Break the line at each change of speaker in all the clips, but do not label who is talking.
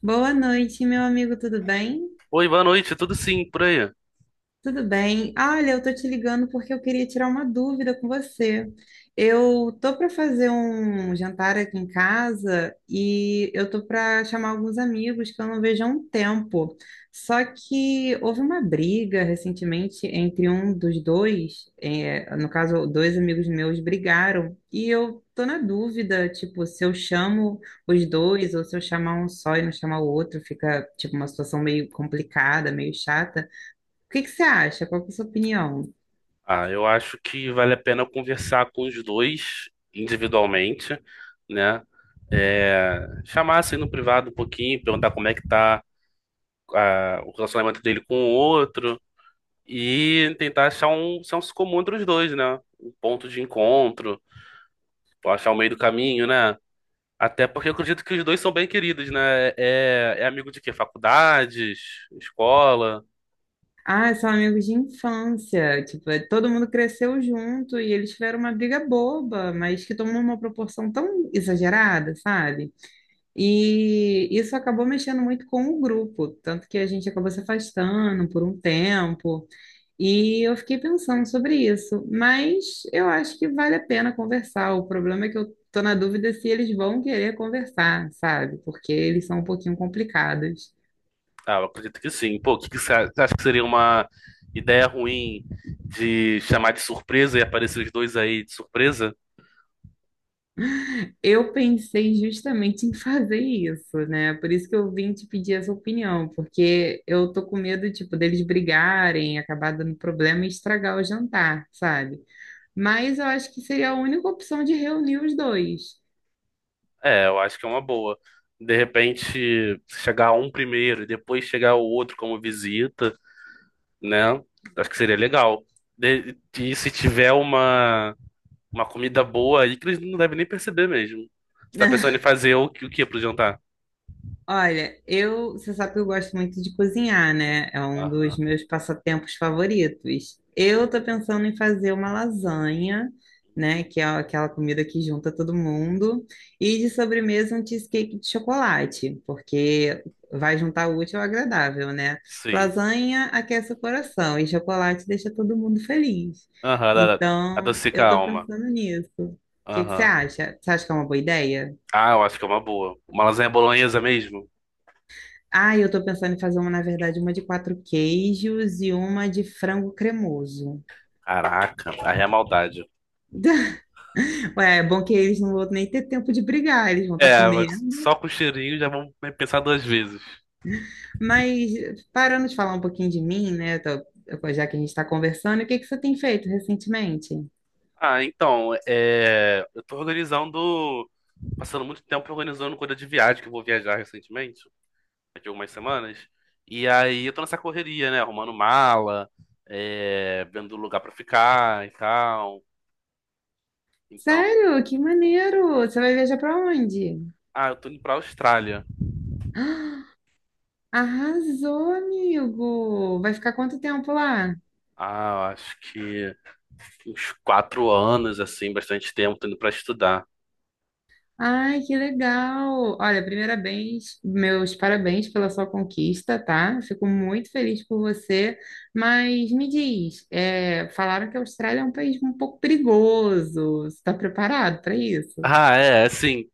Boa noite, meu amigo, tudo bem?
Oi, boa noite, tudo sim, por aí?
Tudo bem? Olha, eu tô te ligando porque eu queria tirar uma dúvida com você. Eu tô para fazer um jantar aqui em casa e eu tô para chamar alguns amigos que eu não vejo há um tempo. Só que houve uma briga recentemente entre um dos dois, é, no caso, dois amigos meus brigaram e eu tô na dúvida, tipo, se eu chamo os dois ou se eu chamar um só e não chamar o outro, fica tipo uma situação meio complicada, meio chata. O que que você acha? Qual que é a sua opinião?
Ah, eu acho que vale a pena conversar com os dois individualmente, né? É, chamar assim no privado um pouquinho, perguntar como é que tá o relacionamento dele com o outro e tentar achar um senso comum entre os dois, né? Um ponto de encontro, ou achar o meio do caminho, né? Até porque eu acredito que os dois são bem queridos, né? É, é amigo de quê? Faculdades, escola?
Ah, são amigos de infância. Tipo, todo mundo cresceu junto e eles tiveram uma briga boba, mas que tomou uma proporção tão exagerada, sabe? E isso acabou mexendo muito com o grupo, tanto que a gente acabou se afastando por um tempo. E eu fiquei pensando sobre isso, mas eu acho que vale a pena conversar. O problema é que eu tô na dúvida se eles vão querer conversar, sabe? Porque eles são um pouquinho complicados.
Ah, eu acredito que sim. Pô, o que que você acha que seria uma ideia ruim de chamar de surpresa e aparecer os dois aí de surpresa?
Eu pensei justamente em fazer isso, né? Por isso que eu vim te pedir essa opinião, porque eu tô com medo, tipo, deles brigarem, acabar dando problema e estragar o jantar, sabe? Mas eu acho que seria a única opção de reunir os dois.
É, eu acho que é uma boa. De repente, chegar um primeiro e depois chegar o outro como visita, né? Acho que seria legal. E se tiver uma comida boa aí, que eles não devem nem perceber mesmo. Você tá pensando em fazer o que pro jantar?
Olha, eu, você sabe que eu gosto muito de cozinhar, né? É um dos
Aham.
meus passatempos favoritos. Eu tô pensando em fazer uma lasanha, né? Que é aquela comida que junta todo mundo. E de sobremesa um cheesecake de chocolate, porque vai juntar o útil ao agradável, né?
Sim.
Lasanha aquece o coração e chocolate deixa todo mundo feliz.
Aham,
Então,
adocica
eu
a
tô
alma.
pensando nisso. O que que você
Aham.
acha? Você acha que é uma boa ideia?
Ah, eu acho que é uma boa. Uma lasanha bolonhesa mesmo?
Ah, eu tô pensando em fazer uma, na verdade, uma de quatro queijos e uma de frango cremoso.
Caraca, aí é maldade.
Ué, é bom que eles não vão nem ter tempo de brigar, eles vão estar
É, mas
comendo.
só com o cheirinho já vão pensar duas vezes.
Mas parando de falar um pouquinho de mim, né? Já que a gente está conversando, o que que você tem feito recentemente?
Ah, então, eu tô organizando, passando muito tempo organizando coisa de viagem, que eu vou viajar recentemente, daqui a algumas semanas. E aí eu tô nessa correria, né? Arrumando mala, vendo lugar pra ficar e tal. Então,
Sério? Que maneiro! Você vai viajar para onde?
ah, eu tô indo pra Austrália.
Arrasou, amigo! Vai ficar quanto tempo lá?
Ah, eu acho que uns 4 anos, assim, bastante tempo, tô indo pra estudar.
Ai, que legal! Olha, primeiramente, meus parabéns pela sua conquista, tá? Fico muito feliz por você, mas me diz, é, falaram que a Austrália é um país um pouco perigoso. Você está preparado para isso?
Ah, é, assim,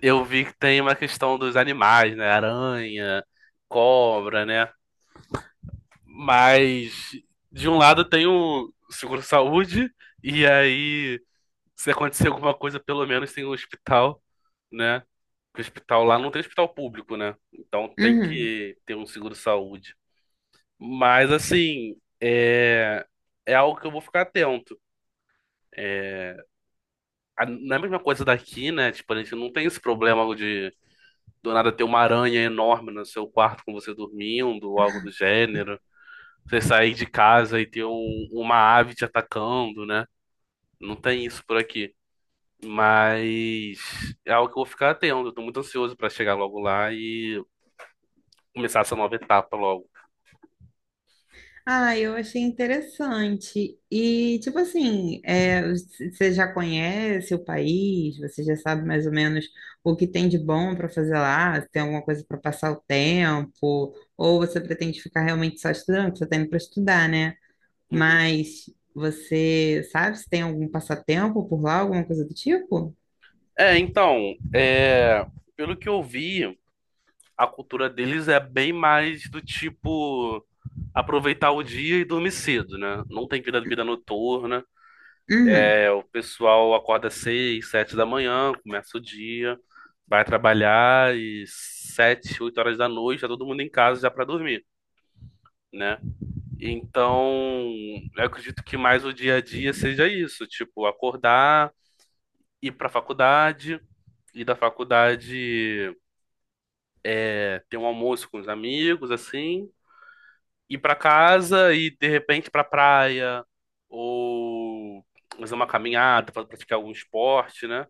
eu vi que tem uma questão dos animais, né? Aranha, cobra, né? Mas, de um lado, tem o seguro-saúde, e aí, se acontecer alguma coisa, pelo menos tem o hospital, né? Porque o hospital lá não tem hospital público, né? Então tem
Uhum.
que ter um seguro-saúde. Mas, assim, é algo que eu vou ficar atento. É, não é a mesma coisa daqui, né? Tipo, a gente não tem esse problema do nada ter uma aranha enorme no seu quarto com você dormindo, ou algo do gênero. Você sair de casa e ter uma ave te atacando, né? Não tem isso por aqui. Mas é algo que eu vou ficar atento. Eu tô muito ansioso pra chegar logo lá e começar essa nova etapa logo.
Ah, eu achei interessante. E, tipo assim, é, você já conhece o país? Você já sabe mais ou menos o que tem de bom para fazer lá? Se tem alguma coisa para passar o tempo? Ou você pretende ficar realmente só estudando? Porque você está indo para estudar, né?
Uhum.
Mas você sabe se tem algum passatempo por lá, alguma coisa do tipo?
É, então, pelo que eu vi, a cultura deles é bem mais do tipo aproveitar o dia e dormir cedo, né? Não tem vida, vida noturna.
Uhum.
É, o pessoal acorda 6, 7 da manhã, começa o dia, vai trabalhar e 7, 8 horas da noite, tá todo mundo em casa já para dormir, né? Então, eu acredito que mais o dia a dia seja isso, tipo, acordar, ir para a faculdade, ir da faculdade, ter um almoço com os amigos, assim, ir para casa e de repente para praia ou fazer uma caminhada, pra praticar algum esporte, né?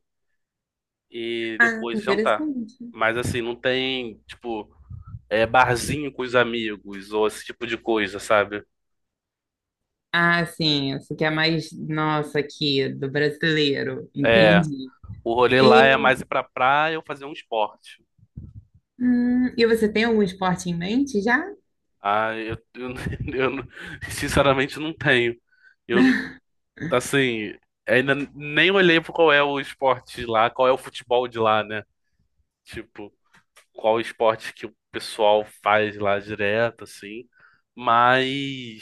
E
Ah,
depois jantar.
interessante.
Mas assim, não tem, tipo, barzinho com os amigos ou esse tipo de coisa, sabe?
Ah, sim, isso que é mais nosso aqui, do brasileiro.
É,
Entendi.
o rolê lá é mais ir pra praia ou fazer um esporte.
E você tem algum esporte em mente já?
Ah, eu não- sinceramente não tenho. Eu, assim, ainda nem olhei pra qual é o esporte de lá, qual é o futebol de lá, né? Tipo, qual esporte que o pessoal faz lá direto, assim. Mas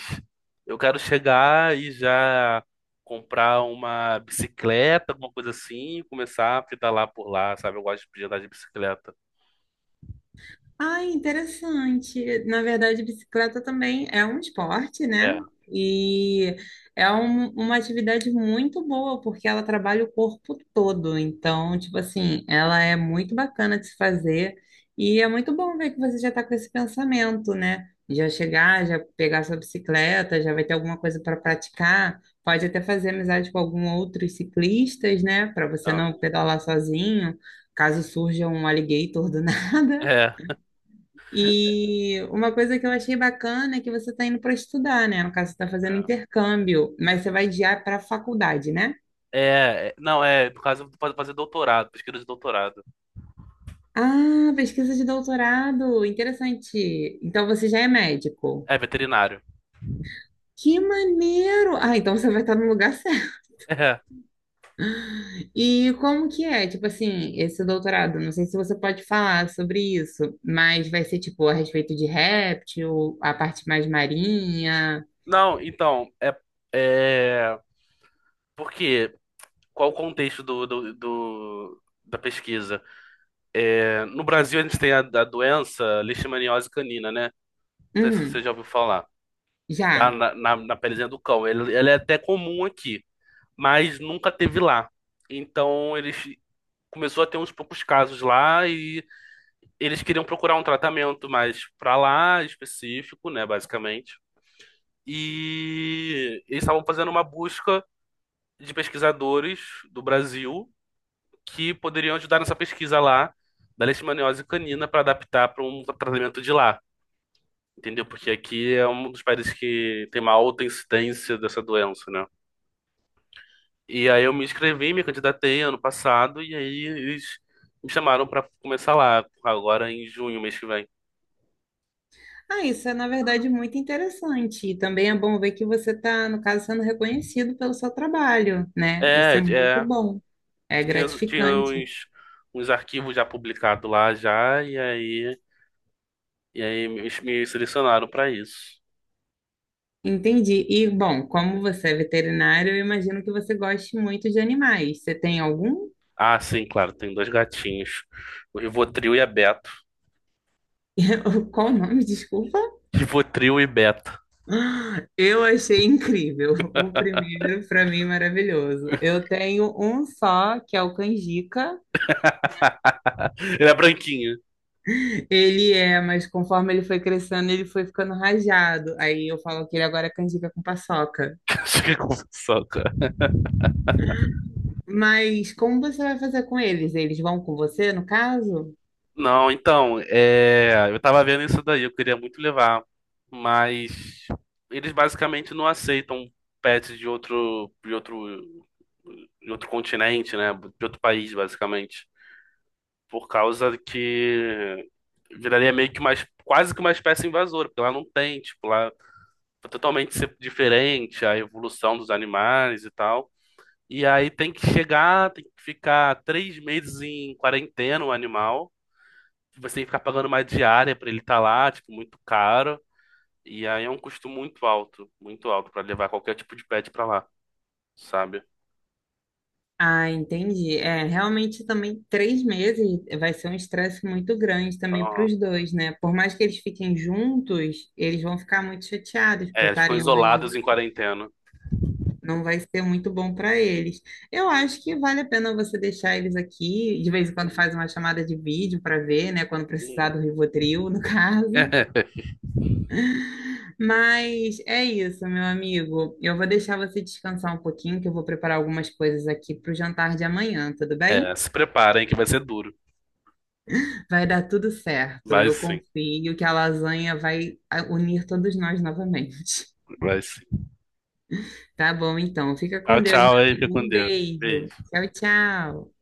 eu quero chegar e já comprar uma bicicleta, alguma coisa assim, e começar a pedalar por lá, sabe? Eu gosto de andar de bicicleta.
Ah, interessante. Na verdade, bicicleta também é um esporte, né?
É,
E é uma atividade muito boa, porque ela trabalha o corpo todo. Então, tipo assim, ela é muito bacana de se fazer. E é muito bom ver que você já está com esse pensamento, né? Já chegar, já pegar sua bicicleta, já vai ter alguma coisa para praticar. Pode até fazer amizade com algum outros ciclistas, né? Para você não
aham.
pedalar sozinho, caso surja um alligator do nada.
É,
E uma coisa que eu achei bacana é que você está indo para estudar, né? No caso, você está fazendo
é.
intercâmbio, mas você vai guiar para a faculdade, né?
É, é, não, é por causa de fazer doutorado, pesquisa de doutorado.
Ah, pesquisa de doutorado, interessante. Então você já é médico.
É veterinário.
Que maneiro! Ah, então você vai estar no lugar certo.
É.
E como que é, tipo assim, esse doutorado? Não sei se você pode falar sobre isso, mas vai ser tipo a respeito de réptil, a parte mais marinha.
Não, então, é porque qual o contexto da pesquisa? No Brasil, a gente tem a doença leishmaniose canina, né? Não sei se você
Hum,
já ouviu falar. Tá
já.
na pelezinha do cão. Ela é até comum aqui, mas nunca teve lá. Então, eles começou a ter uns poucos casos lá e eles queriam procurar um tratamento mais pra lá específico, né, basicamente. E eles estavam fazendo uma busca de pesquisadores do Brasil que poderiam ajudar nessa pesquisa lá da leishmaniose canina para adaptar para um tratamento de lá. Entendeu? Porque aqui é um dos países que tem uma alta incidência dessa doença, né? E aí eu me inscrevi, me candidatei ano passado, e aí eles me chamaram pra começar lá, agora em junho, mês que vem.
Ah, isso é, na verdade, muito interessante. E também é bom ver que você está, no caso, sendo reconhecido pelo seu trabalho, né? Isso
É,
é muito
é,
bom. É
tinha
gratificante.
uns arquivos já publicados lá já, e aí me selecionaram pra isso.
Entendi. E, bom, como você é veterinário, eu imagino que você goste muito de animais. Você tem algum?
Ah, sim, claro, tem dois gatinhos, o Rivotril e a Beto.
Qual o nome? Desculpa.
Rivotril e Beto.
Eu achei incrível. O primeiro, para mim, maravilhoso. Eu tenho um só, que é o Canjica.
Ele é branquinho.
Ele é, mas conforme ele foi crescendo, ele foi ficando rajado. Aí eu falo que ele agora é canjica com paçoca.
Acho que é confusão.
Mas como você vai fazer com eles? Eles vão com você, no caso?
Não, então, é, eu tava vendo isso daí, eu queria muito levar, mas eles basicamente não aceitam pets de outro continente, né? De outro país, basicamente. Por causa que viraria meio que quase que uma espécie invasora, porque lá não tem, tipo, lá é totalmente diferente a evolução dos animais e tal. E aí tem que chegar, tem que ficar 3 meses em quarentena o animal, você tem que ficar pagando uma diária pra ele estar lá, tipo, muito caro. E aí é um custo muito alto pra levar qualquer tipo de pet pra lá, sabe?
Ah, entendi. É, realmente também 3 meses vai ser um estresse muito grande também para
Então,
os dois, né? Por mais que eles fiquem juntos, eles vão ficar muito chateados por
eles ficam
estarem longe.
isolados em quarentena.
Não vai ser muito bom para eles. Eu acho que vale a pena você deixar eles aqui, de vez em quando
Uhum,
faz uma chamada de vídeo para ver, né, quando precisar
uhum.
do Rivotril, no caso. Mas é isso, meu amigo. Eu vou deixar você descansar um pouquinho, que eu vou preparar algumas coisas aqui para o jantar de amanhã, tudo bem?
É, se preparem que vai ser duro.
Vai dar tudo certo.
Vai
Eu
sim,
confio que a lasanha vai unir todos nós novamente.
vai sim.
Tá bom, então. Fica
Tchau,
com Deus,
tchau
meu
aí, fica
amigo.
com
Um
Deus.
beijo.
Beijo.
Tchau, tchau.